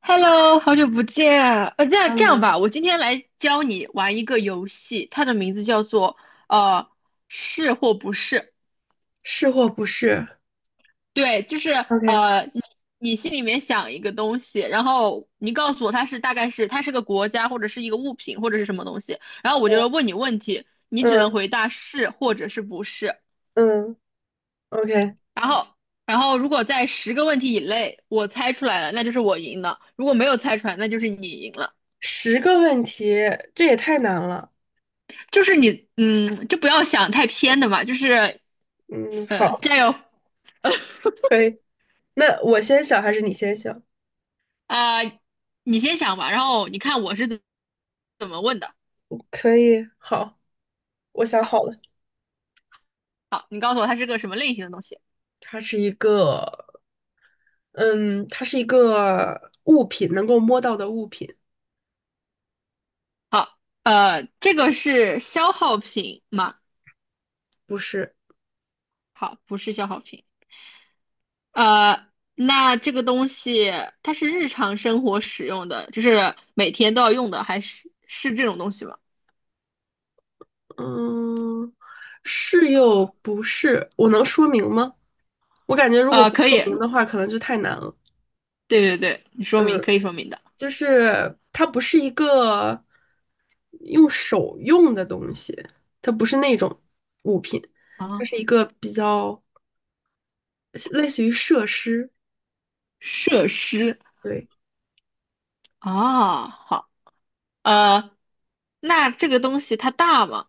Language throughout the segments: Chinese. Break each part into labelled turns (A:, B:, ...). A: Hello，好久不见。这样
B: 看
A: 这样
B: 吗？
A: 吧，我今天来教你玩一个游戏，它的名字叫做呃是或不是。
B: 是或不是
A: 对，就是
B: ？OK，
A: 呃你你心里面想一个东西，然后你告诉我它是大概是它是个国家或者是一个物品或者是什么东西，然后我就问你问题，你只能
B: 嗯
A: 回答是或者是不是。
B: 嗯，OK，
A: 然后然后如果在10个问题以内我猜出来了，那就是我赢了；如果没有猜出来，那就是你赢了。
B: 10个问题，这也太难了。
A: 就是你，就不要想太偏的嘛，就是
B: 嗯，好，
A: 加油。
B: 可以。那我先想还是你先想？
A: 啊、你先想吧，然后你看我是怎么问的。
B: 可以，好，我想
A: 好，
B: 好了。
A: 好，你告诉我它是个什么类型的东西。
B: 它是一个，嗯，它是一个物品，能够摸到的物品，
A: 好，这个是消耗品吗？
B: 不是，
A: 好，不是消耗品。呃，那这个东西它是日常生活使用的，就是每天都要用的，还是是这种东西吗？
B: 嗯，是又不是。我能说明吗？我感觉如果不
A: 可
B: 说
A: 以，
B: 明的话，可能就太难了。
A: 对对对，你说明
B: 嗯。
A: 可以说明的。
B: 就是它不是一个用手用的东西，它不是那种物品，它
A: 啊，
B: 是一个比较类似于设施，
A: 设施
B: 对，
A: 啊，好。呃，那这个东西它大吗？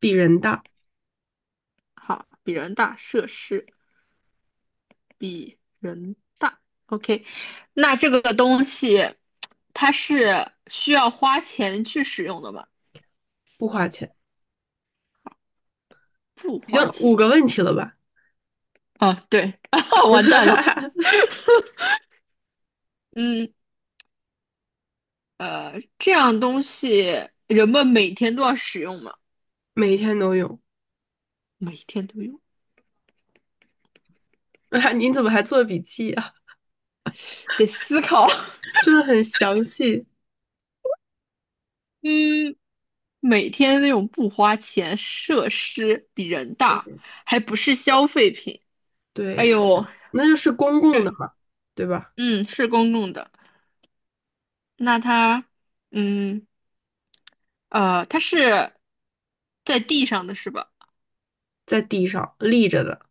B: 比人大，
A: 好，比人大，设施比人大。OK，那这个东西它是需要花钱去使用的吗？
B: 不花钱。
A: 不
B: 已经
A: 花钱。
B: 5个问题了吧？
A: 哦，对。完蛋了。嗯，这样东西人们每天都要使用吗？
B: 每天都有，
A: 每天都用，
B: 你怎么还做笔记啊？
A: 得思考。
B: 真的很详细。
A: 嗯，每天那种不花钱，设施比人大，
B: 对，
A: 还不是消费品。哎
B: 对，
A: 呦，
B: 那就是公共的
A: 对。
B: 嘛，对吧？
A: 嗯。是公共的。那它，嗯，呃，它是在地上的是吧？
B: 在地上立着的，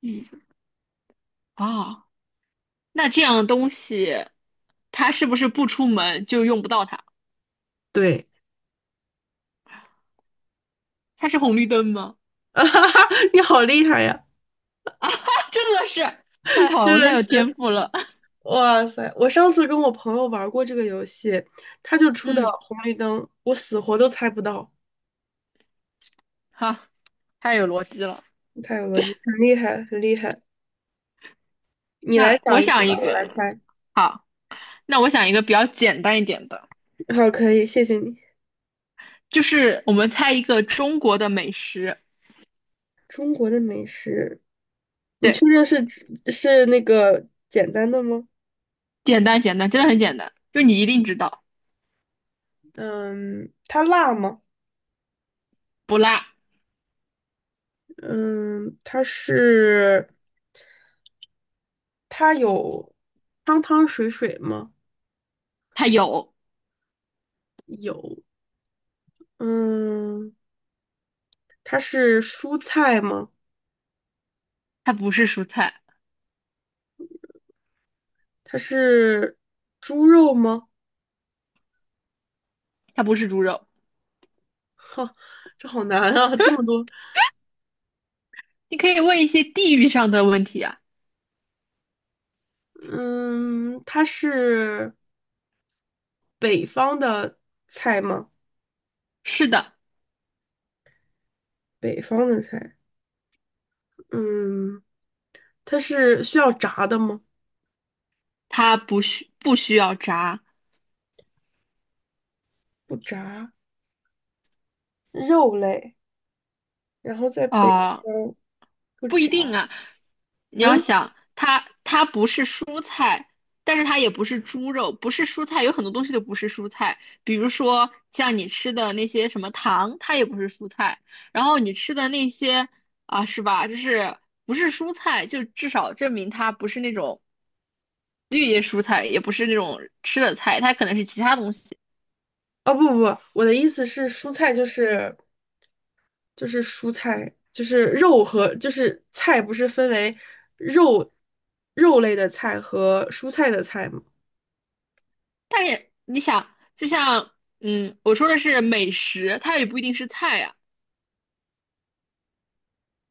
A: 嗯，哦，那这样东西，它是不是不出门就用不到它？
B: 对，
A: 它是红绿灯吗？
B: 你好厉害呀！
A: 啊，真的是太好了，
B: 真
A: 我太
B: 的
A: 有天
B: 是，
A: 赋了。
B: 哇塞！我上次跟我朋友玩过这个游戏，他就出的
A: 嗯，
B: 红绿灯，我死活都猜不到，
A: 好。太有逻辑了。
B: 太有逻辑，很厉害，很厉害。你来
A: 那我
B: 想一个
A: 想
B: 吧，
A: 一
B: 我来
A: 个，
B: 猜。
A: 好，那我想一个比较简单一点的，
B: 好，可以，谢谢你。
A: 就是我们猜一个中国的美食。
B: 中国的美食，你确
A: 对，
B: 定是那个简单的吗？
A: 简单简单，真的很简单，就你一定知道。
B: 嗯，它辣吗？
A: 不辣，
B: 嗯，它是，它有汤汤水水吗？
A: 它有，
B: 有。嗯，它是蔬菜吗？
A: 它不是蔬菜，
B: 它是猪肉吗？
A: 它不是猪肉。
B: 哈，这好难啊，这么多。
A: 你可以问一些地域上的问题啊。
B: 嗯，它是北方的菜吗？
A: 是的，
B: 北方的菜。嗯，它是需要炸的吗？
A: 它不需要炸。
B: 不炸，肉类，然后在北
A: 啊、
B: 方不
A: 不一
B: 炸。
A: 定啊。你要
B: 嗯，
A: 想，它不是蔬菜，但是它也不是猪肉，不是蔬菜，有很多东西都不是蔬菜，比如说像你吃的那些什么糖，它也不是蔬菜。然后你吃的那些啊，是吧？就是不是蔬菜，就至少证明它不是那种。绿叶蔬菜，也不是那种吃的菜，它可能是其他东西。
B: 哦不不不，我的意思是蔬菜就是蔬菜，就是肉和就是菜不是分为肉肉类的菜和蔬菜的菜吗？
A: 但是你想，就像我说的是美食，它也不一定是菜呀、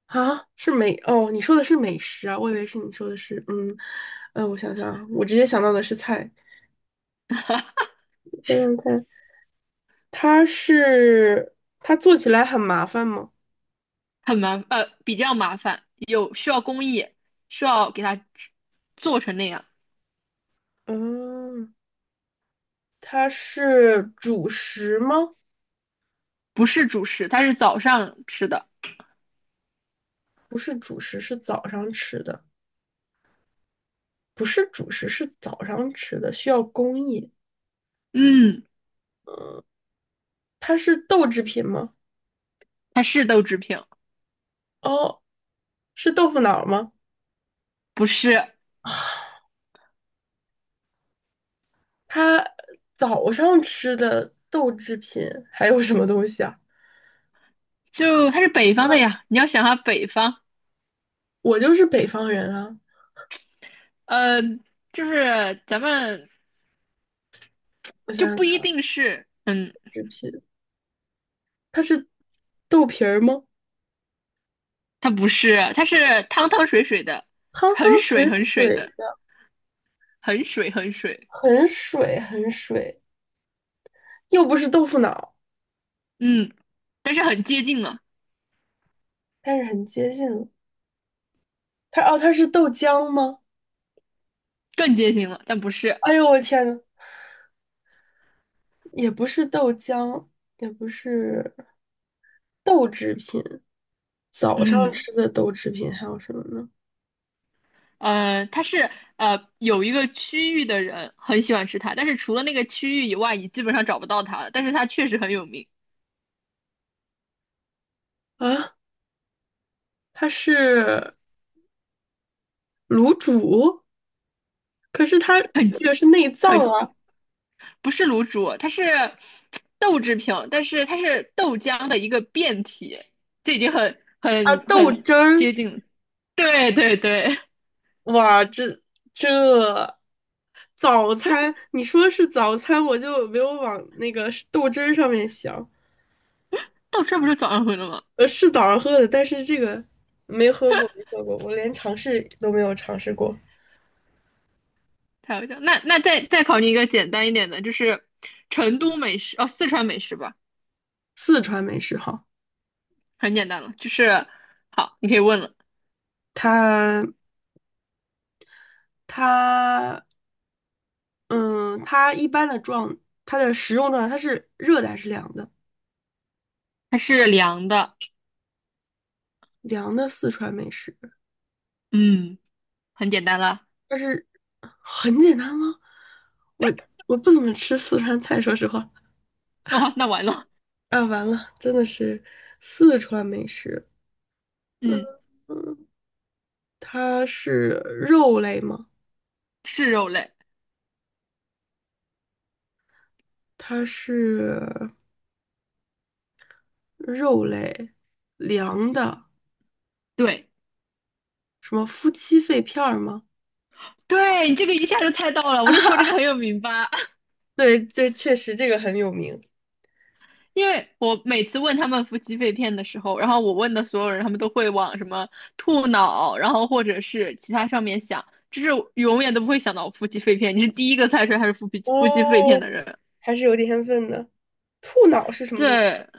B: 啊，是美，哦，你说的是美食啊，我以为是你说的是，我想想啊，我直接想到的是菜，想想看，它做起来很麻烦吗？
A: 比较麻烦，有需要工艺，需要给它做成那样，
B: 嗯，它是主食吗？
A: 不是主食，它是早上吃的。
B: 不是主食，是早上吃的，不是主食，是早上吃的，需要工艺。
A: 嗯。
B: 它是豆制品吗？
A: 它是豆制品。
B: 哦，是豆腐脑儿吗？
A: 不是，
B: 它早上吃的豆制品还有什么东西啊？
A: 就它是北方的呀。你要想下北方，
B: 我就是北方人啊，
A: 呃，就是咱们
B: 我
A: 就
B: 想想
A: 不一
B: 看，
A: 定是。嗯
B: 纸皮，它是豆皮儿吗？
A: 它不是，它是汤汤水水的，
B: 汤
A: 很
B: 汤水
A: 水很水
B: 水
A: 的，
B: 的，
A: 很水很水。
B: 很水很水，又不是豆腐脑，
A: 嗯。但是很接近了。
B: 但是很接近了它哦，它是豆浆吗？
A: 更接近了，但不是。
B: 哎呦，我天呐，也不是豆浆，也不是豆制品。早上
A: 嗯，
B: 吃的豆制品还有什么呢？
A: 呃，它是有一个区域的人很喜欢吃它，但是除了那个区域以外，你基本上找不到它了。但是它确实很有名，
B: 啊，它是卤煮，可是它
A: 很
B: 这个是内脏
A: 很
B: 啊
A: 不是卤煮，它是豆制品，但是它是豆浆的一个变体，这已经很
B: 啊，
A: 很
B: 豆
A: 很
B: 汁儿，
A: 接近了。对对对。
B: 哇，这早餐，你说是早餐，我就没有往那个豆汁儿上面想。
A: 豆汁不是早上回了吗？
B: 是早上喝的，但是这个我没喝过，我连尝试都没有尝试过。
A: 太有笑！那再考你一个简单一点的，就是成都美食，哦，四川美食吧，
B: 四川美食哈，
A: 很简单了。就是好，你可以问了。
B: 它它嗯，它一般的状，它的食用状态，它是热的还是凉的？
A: 它是凉的，
B: 凉的四川美食，
A: 嗯，很简单了。
B: 但是很简单吗？我我不怎么吃四川菜，说实话。
A: 哦，那完了。
B: 啊，完了，真的是四川美食。
A: 嗯。
B: 嗯，它是肉类吗？
A: 是肉类。
B: 它是肉类，凉的，
A: 对，
B: 什么夫妻肺片儿吗？
A: 对，你这个一下就猜到了，我就说这个
B: 啊
A: 很有名吧。
B: 对，这确实这个很有名。
A: 因为我每次问他们夫妻肺片的时候，然后我问的所有人，他们都会往什么兔脑，然后或者是其他上面想，就是永远都不会想到夫妻肺片。你是第一个猜出来它是夫妻肺片
B: 哦，
A: 的人。
B: 还是有点天分的。兔脑是什么东西？
A: 对，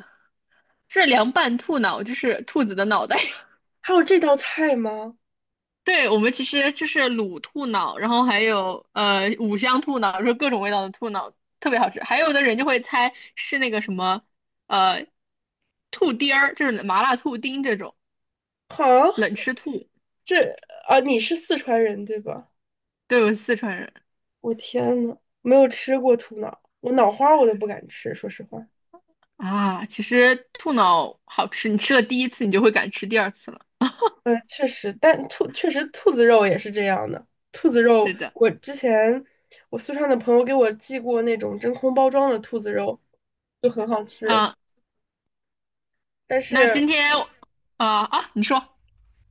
A: 是凉拌兔脑，就是兔子的脑袋。
B: 还有这道菜吗？
A: 对，我们其实就是卤兔脑，然后还有五香兔脑，就是各种味道的兔脑，特别好吃。还有的人就会猜是那个什么呃兔丁儿，就是麻辣兔丁这种
B: 哈，
A: 冷吃兔。
B: 这啊，你是四川人对吧？
A: 对，我是四川人
B: 我天呐，没有吃过兔脑，我脑花我都不敢吃，说实话。
A: 啊，其实兔脑好吃，你吃了第一次，你就会敢吃第二次了。
B: 确实，确实兔子肉也是这样的。兔子肉，
A: 是的。
B: 我之前我四川的朋友给我寄过那种真空包装的兔子肉，就很好吃。
A: 啊，
B: 但
A: 那
B: 是，
A: 今天。你说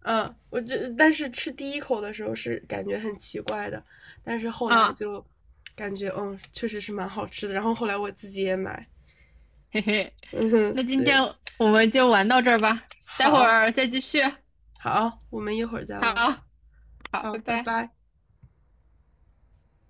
B: 嗯，我这但是吃第一口的时候是感觉很奇怪的，但是后来
A: 啊。
B: 就感觉确实是蛮好吃的。然后后来我自己也买，
A: 嘿嘿，
B: 嗯哼，
A: 那今天
B: 对，
A: 我们就玩到这儿吧，待会
B: 好，
A: 儿再继续。
B: 好，我们一会儿再
A: 好，
B: 玩，
A: 好，
B: 好，
A: 拜
B: 拜
A: 拜。
B: 拜。